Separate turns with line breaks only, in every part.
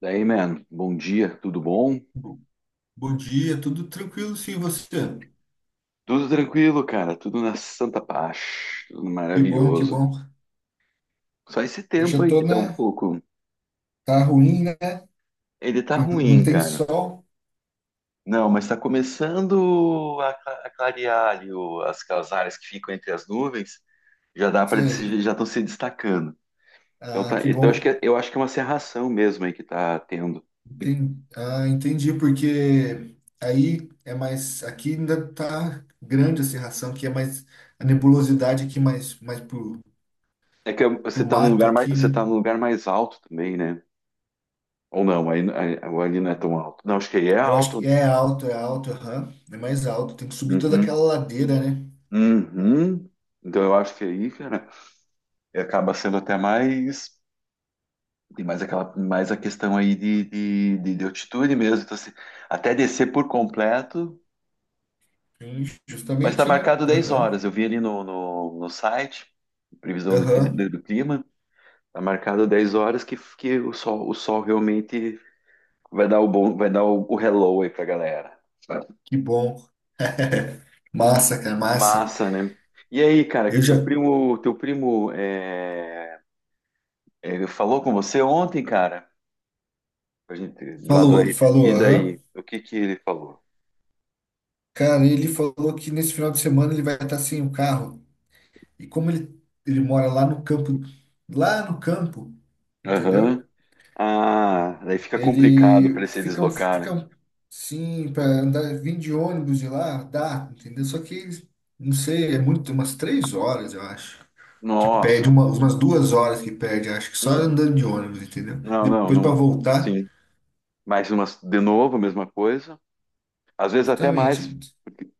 Daí, man, bom dia, tudo bom?
Bo- Bom dia, tudo tranquilo sim, você?
Tudo tranquilo, cara, tudo na santa paz, tudo
Que bom, que
maravilhoso.
bom.
Só esse
Eu
tempo
já
aí
tô
que tá um
na.
pouco.
Tá ruim, né?
Ele tá
Não
ruim,
tem
cara.
sol.
Não, mas tá começando a clarear ali aquelas áreas que ficam entre as nuvens, já dá para
Você.
já estão se destacando. Então,
Ah,
tá,
que
então acho
bom.
que eu acho que é uma cerração mesmo aí que tá tendo.
Ah, entendi, porque aí é mais. Aqui ainda tá grande a cerração, que é mais. A nebulosidade aqui mais, mais pro...
É que você
pro
tá num
mato
lugar mais,
aqui,
você
né?
tá num lugar mais alto também, né? Ou não, aí, ali não é tão alto. Não, acho que aí é
Eu acho que
alto,
é alto, aham. É mais alto. Tem que
né?
subir toda
Uhum.
aquela ladeira, né?
Uhum. Então eu acho que aí, cara, acaba sendo até mais. Tem mais aquela, mais a questão aí de altitude mesmo. Então, assim, até descer por completo,
Sim,
mas está
justamente, né?
marcado 10
Aham,
horas. Eu vi ali no site, previsão do tempo,
aham.
do clima, está marcado 10 horas que o sol realmente vai dar o bom, vai dar o hello aí pra galera, sabe?
Que bom. Massa, cara, massa.
Massa, né? E aí, cara,
Eu
que teu
já.
primo, teu primo falou com você ontem, cara? A gente lá do
Falou,
aí.
falou,
E
aham.
daí? O que que ele falou?
Cara, ele falou que nesse final de semana ele vai estar sem o carro. E como ele mora lá no campo, entendeu?
Aham. Ah, daí fica complicado para
Ele
ele se
fica,
deslocar, né?
sim, para andar, vir de ônibus e lá, dá, entendeu? Só que, não sei, é muito, umas 3 horas, eu acho. Que perde
Nossa.
uma, umas 2 horas que perde, acho que só
Hum.
andando de ônibus, entendeu?
Não, não,
Depois para
não.
voltar,
Sim. Mais umas, de novo, a mesma coisa. Às vezes até mais.
justamente.
Porque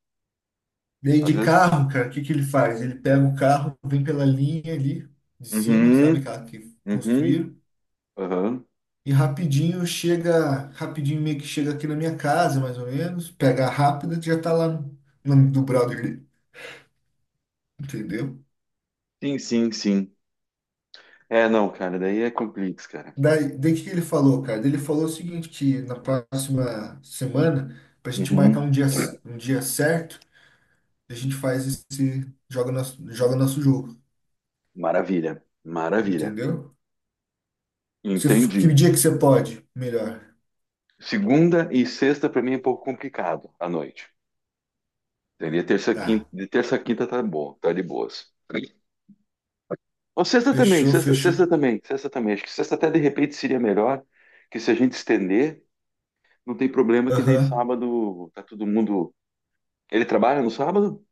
E aí
às
de
vezes.
carro, cara, o que que ele faz? Ele pega o carro, vem pela linha ali de cima, sabe
Uhum,
aquela que
uhum,
construíram,
aham.
e rapidinho chega, rapidinho meio que chega aqui na minha casa, mais ou menos, pega a rápida, já tá lá do brother dele, entendeu?
Sim, sim, sim. É, não, cara, daí é complexo, cara.
Daí o que que ele falou, cara? Daí ele falou o seguinte, que na próxima semana, pra gente marcar
Uhum.
um dia certo, a gente faz esse, joga nosso jogo,
Maravilha, maravilha.
entendeu? Se, que
Entendi.
dia que você pode? Melhor.
Segunda e sexta para mim é um pouco complicado à noite. Seria terça, quinta.
Tá.
De terça a quinta tá bom, tá de boas. Ou
Fechou,
sexta
fechou.
também, sexta também. Acho que sexta até de repente seria melhor, que se a gente estender, não tem problema que nem
Aham.
sábado tá todo mundo. Ele trabalha no sábado?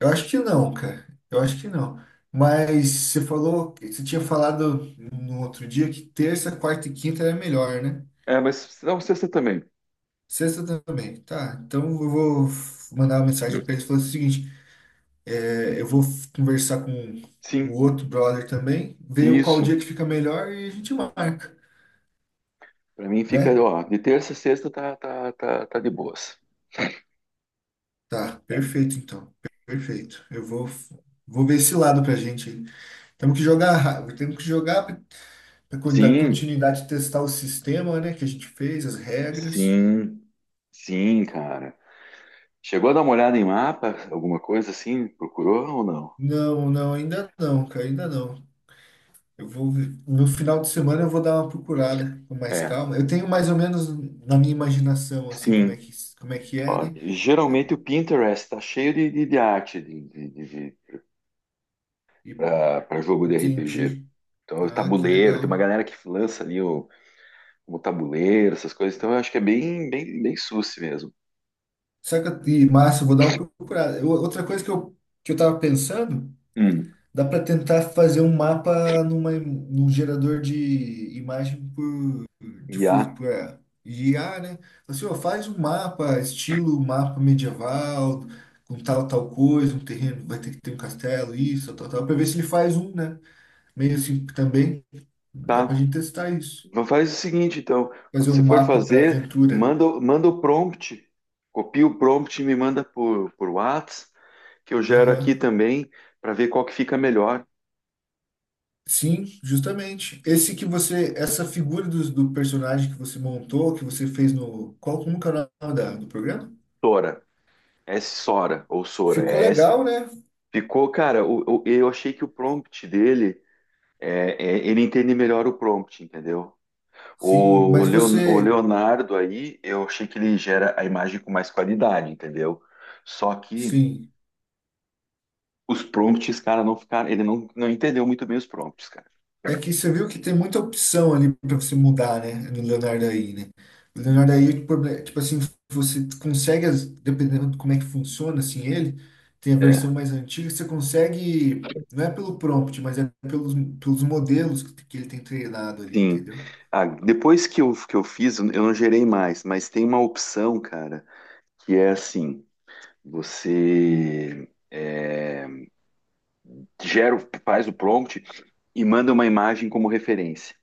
Eu acho que não, cara. Eu acho que não. Mas você falou, você tinha falado no outro dia que terça, quarta e quinta era melhor, né?
É, mas não, sexta também.
Sexta também. Tá, então eu vou mandar uma mensagem pra eles falando o seguinte: eu vou conversar com o
Sim,
outro brother também, ver qual
isso.
dia que fica melhor e a gente marca,
Pra mim fica,
né?
ó, de terça a sexta tá, tá, tá, tá de boas.
Tá,
É.
perfeito então. Perfeito. Eu vou ver esse lado pra gente. Temos que jogar, temos que jogar da
Sim,
continuidade de testar o sistema, né, que a gente fez, as regras.
sim, sim, cara. Chegou a dar uma olhada em mapa, alguma coisa assim? Procurou ou não?
Não, não, ainda não, cara, ainda não. Eu vou, no final de semana eu vou dar uma procurada com mais
É,
calma. Eu tenho mais ou menos na minha imaginação, assim, como é
sim.
que, como é que é,
Ó,
né?
geralmente o Pinterest tá cheio de arte de,
E
para jogo de RPG.
entendi.
Então, o
Ah, que
tabuleiro, tem uma
legal.
galera que lança ali o tabuleiro, essas coisas. Então, eu acho que é bem, bem, bem susse mesmo.
Saca, e massa, eu vou dar uma procurada. Outra coisa que eu, tava pensando,
Hum.
dá para tentar fazer um mapa num gerador de imagem
IA,
difuso para guiar, né? Assim, ó, faz um mapa, estilo mapa medieval, com tal, tal coisa, um terreno, vai ter que ter um castelo, isso, tal, tal, para ver se ele faz um, né? Meio assim também, dá pra
tá.
gente testar isso.
Faz o seguinte, então. Quando
Fazer um
você for
mapa para
fazer,
aventura.
manda, manda o prompt. Copia o prompt e me manda por Whats, que eu gero aqui
Aham.
também, para ver qual que fica melhor.
Sim, justamente. Esse que você, essa figura do personagem que você montou, que você fez no, qual, como que é o nome do programa?
Sora. Sora, ou Sora.
Ficou
É.
legal, né?
Ficou, cara, eu achei que o prompt dele é, ele entende melhor o prompt, entendeu?
Sim,
O,
mas
Leon- o
você,
Leonardo aí, eu achei que ele gera a imagem com mais qualidade, entendeu? Só que
sim,
os prompts, cara, não ficaram, ele não entendeu muito bem os prompts, cara.
é que você viu que tem muita opção ali para você mudar, né? No Leonardo aí, né? O Leonardo aí, o tipo assim, você consegue, dependendo de como é que funciona, assim, ele tem a
É,
versão mais antiga, você consegue, não é pelo prompt, mas é pelos modelos que ele tem treinado ali,
sim.
entendeu?
Ah, depois que eu fiz, eu não gerei mais, mas tem uma opção, cara, que é assim, você... é, gera, faz o prompt e manda uma imagem como referência.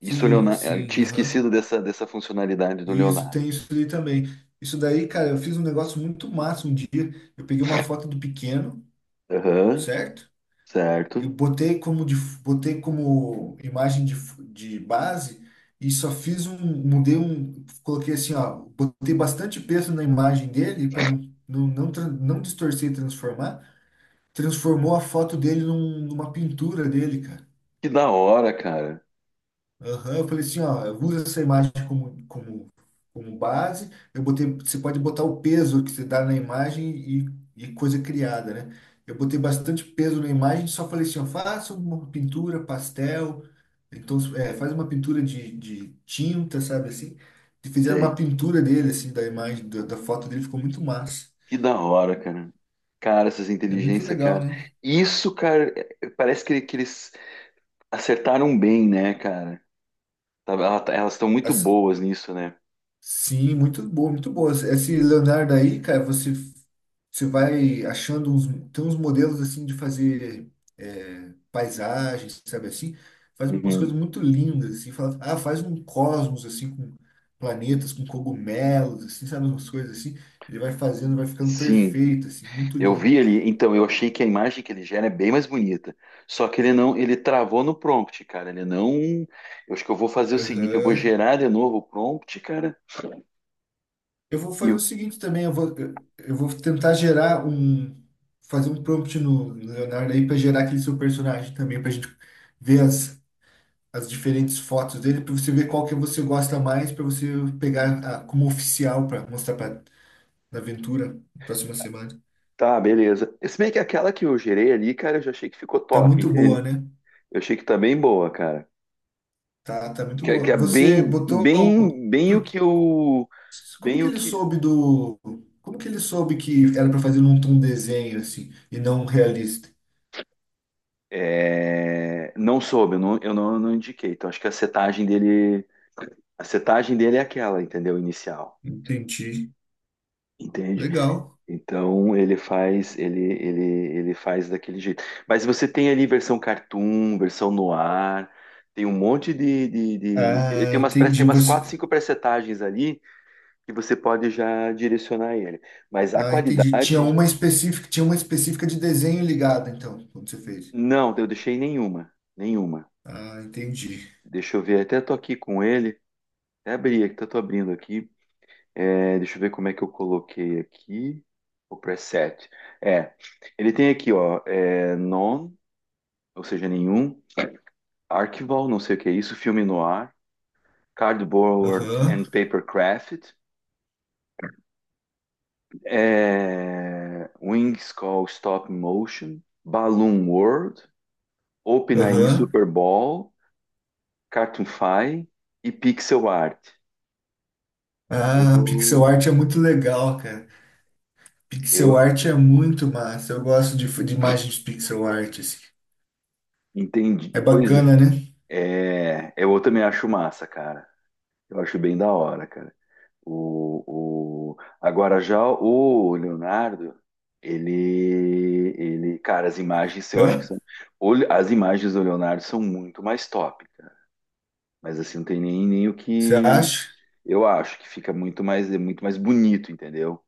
Isso,
Sim,
Leonardo, eu
sim,
tinha
aham.
esquecido dessa funcionalidade do
Isso,
Leonardo.
tem isso ali também. Isso daí, cara, eu fiz um negócio muito massa um dia. Eu peguei uma foto do pequeno,
Aham,
certo? Eu
certo.
botei como, botei como imagem de base e só fiz um, mudei um, coloquei assim, ó, botei bastante peso na imagem dele para não distorcer e transformar. Transformou a foto dele numa pintura dele, cara.
Que da hora, cara.
Aham, eu falei assim, ó, eu uso essa imagem como base. Eu botei, você pode botar o peso que você dá na imagem e coisa criada, né? Eu botei bastante peso na imagem, só falei assim, ó, faça uma pintura, pastel, então, faz uma pintura de tinta, sabe assim? E fizeram
Sei.
uma pintura dele, assim, da imagem, da foto dele, ficou muito massa.
Que da hora, cara. Cara, essas
É muito
inteligências,
legal,
cara.
né?
Isso, cara, é- parece que eles acertaram bem, né, cara? Elas estão muito
As-
boas nisso, né?
sim, muito boa, muito boa. Esse Leonardo aí, cara, você vai achando uns, tem uns modelos, assim, de fazer paisagens, sabe assim? Faz umas
Uhum.
coisas muito lindas, assim. Fala, ah, faz um cosmos, assim, com planetas, com cogumelos, assim, sabe? Umas coisas assim. Ele vai fazendo, vai ficando
Sim.
perfeito, assim, muito
Eu
lindo.
vi ele, então eu achei que a imagem que ele gera é bem mais bonita. Só que ele não, ele travou no prompt, cara. Ele não. Eu acho que eu vou fazer o seguinte, eu vou
Aham.
gerar de novo o prompt, cara.
Eu vou
E
fazer o seguinte também, eu vou tentar gerar um, fazer um prompt no Leonardo aí para gerar aquele seu personagem também, para gente ver as diferentes fotos dele, para você ver qual que você gosta mais, para você pegar como oficial para mostrar para na aventura na próxima semana.
tá, beleza. Se bem que aquela que eu gerei ali, cara, eu já achei que ficou
Tá
top,
muito
entende?
boa, né?
Eu achei que tá bem boa, cara.
Tá, tá muito
Que
boa.
é
Você
bem,
botou,
bem, bem o
por-
que eu,
como
bem
que
o
ele
que
soube do, como que ele soube que era para fazer um, desenho assim e não realista?
é, não soube, eu não, eu não indiquei. Então acho que a setagem dele é aquela, entendeu? Inicial,
Entendi.
entende?
Legal.
Então ele faz ele faz daquele jeito. Mas você tem ali versão cartoon, versão noir, tem um monte ele
Ah,
tem tem
entendi.
umas quatro,
Você,
cinco presetagens ali que você pode já direcionar ele. Mas a
ah, entendi.
qualidade,
Tinha uma específica de desenho ligada, então, quando você fez.
não, eu deixei nenhuma, nenhuma.
Ah, entendi.
Deixa eu ver, até tô aqui com ele, até abri, até tô abrindo aqui. É, deixa eu ver como é que eu coloquei aqui o preset. É, ele tem aqui, ó, é, none, ou seja, nenhum. Archival, não sei o que é isso, filme no ar, Cardboard
Aham,
and Paper Craft, é, Wings Call Stop Motion, Balloon World, OpenAI
aham.
Super Bowl, Cartoonfy e Pixel Art. Eu
Ah, pixel
vou,
art é muito legal, cara. Pixel
eu
art é muito massa. Eu gosto de imagens pixel art, assim.
entendi.
É
Pois
bacana, né?
é, é, eu também acho massa, cara. Eu acho bem da hora, cara. O... Agora já o Leonardo, cara, as imagens eu acho que
Hã?
são. As imagens do Leonardo são muito mais top, cara. Mas assim, não tem nem, nem o
Você
que.
acha?
Eu acho que fica muito mais, é muito mais bonito, entendeu?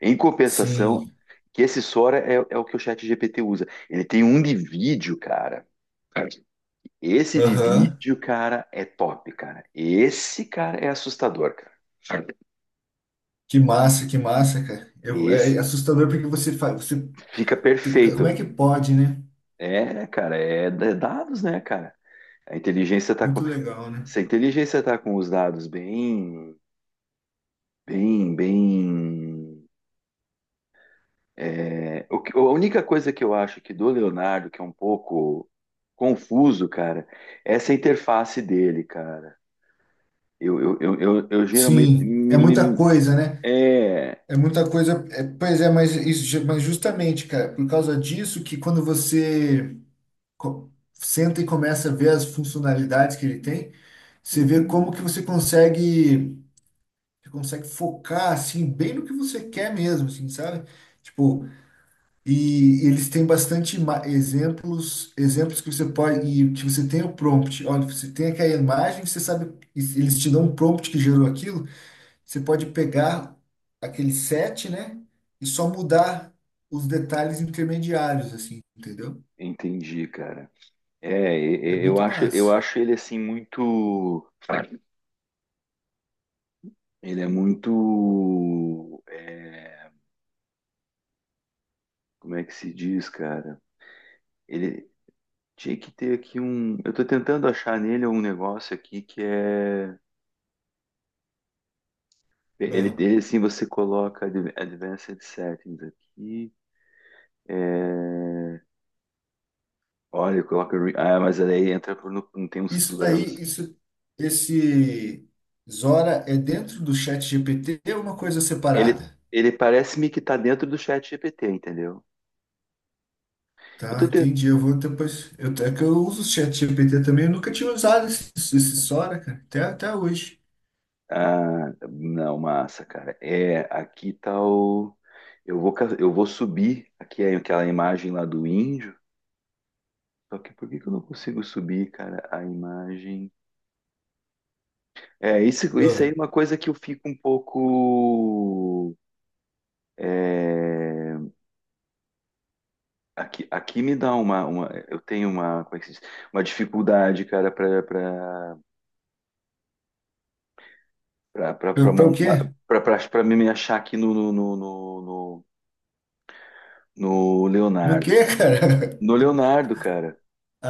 Em compensação,
Sim.
que esse Sora é, é o que o chat GPT usa. Ele tem um de vídeo, cara. Esse de
Aham.
vídeo, cara, é top, cara. Esse, cara, é assustador, cara.
Que massa, cara. Eu,
Esse
é assustador porque você faz. Você
fica
como é
perfeito.
que pode, né?
É, cara, é d- dados, né, cara? A inteligência tá com,
Muito legal, né?
se a inteligência tá com os dados bem, bem, bem. É, o que- a única coisa que eu acho que do Leonardo, que é um pouco confuso, cara, é essa interface dele, cara. Eu geralmente
Sim, é muita coisa, né?
é.
É muita coisa. Pois é, mas, isso, justamente, cara, por causa disso que quando você senta e começa a ver as funcionalidades que ele tem, você vê
Uhum,
como que você consegue, você consegue focar assim bem no que você quer mesmo, assim, sabe? Tipo, e eles têm bastante exemplos que você pode e que você tem o prompt. Olha, você tem aquela imagem, você sabe, e eles te dão um prompt que gerou aquilo. Você pode pegar aquele set, né? E só mudar os detalhes intermediários, assim, entendeu?
entendi, cara. É,
É
e- e- eu
muito
acho, eu
massa.
acho ele assim muito. Ele é muito, é, como é que se diz, cara? Ele tinha que ter aqui um. Eu tô tentando achar nele um negócio aqui que é. Ele
Ah,
tem assim, você coloca Advanced Settings aqui. É, olha, coloca. Ah, mas aí entra por no... não tem uns
isso daí,
planos.
isso, esse Zora é dentro do chat GPT ou uma coisa
Ele,
separada?
ele parece-me que tá dentro do chat GPT, entendeu? Eu
Tá,
tô te-
entendi. Eu vou depois. Eu, é que eu uso o chat GPT também. Eu nunca tinha usado esse Sora, cara. Até hoje.
Ah, não, massa, cara. É, aqui tá o. Eu vou, eu vou subir aqui é aquela imagem lá do índio. Só que por que que eu não consigo subir, cara, a imagem? É, isso aí é
Ah,
uma coisa que eu fico um pouco. É, aqui, aqui me dá uma, uma. Eu tenho uma, como é que se diz? Uma dificuldade, cara, pra, pra, pra, pra,
pra,
pra
pra o
montar.
quê?
Pra me achar aqui no
No
Leonardo,
quê,
cara.
cara?
No Leonardo, cara.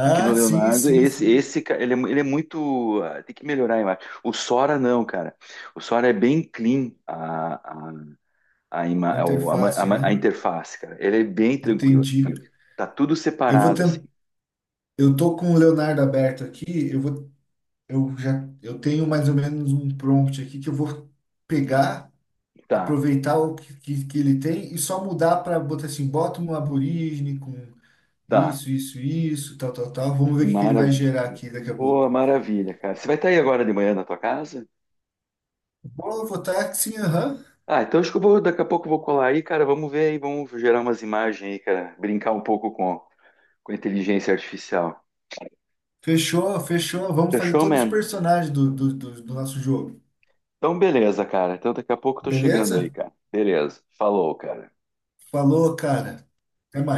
Aqui no
sim,
Leonardo,
sim, sim.
ele, é, ele é muito. Ah, tem que melhorar a imagem. O Sora, não, cara. O Sora é bem clean a, ima- a, o- a ma- a
Interface,
ma-
né?
a interface, cara. Ele é bem tranquila.
Entendi.
Tá tudo
Eu vou
separado, assim.
Eu tô com o Leonardo aberto aqui. Eu vou, eu já, eu tenho mais ou menos um prompt aqui que eu vou pegar,
Tá,
aproveitar o que, que ele tem e só mudar para botar assim, bota um aborígene com
tá.
isso, isso, isso, tal, tal, tal. Vamos ver o que que ele vai
Maravilha.
gerar aqui daqui a
Pô,
pouco.
maravilha, cara. Você vai estar aí agora de manhã na tua casa?
Vou votar que sim, aham.
Ah, então acho que eu vou, daqui a pouco eu vou colar aí, cara. Vamos ver aí, vamos gerar umas imagens aí, cara. Brincar um pouco com a inteligência artificial.
Fechou, fechou. Vamos fazer
Fechou,
todos os
man?
personagens do nosso jogo.
Então, beleza, cara. Então, daqui a pouco eu tô chegando aí,
Beleza?
cara. Beleza. Falou, cara.
Falou, cara. Até mais.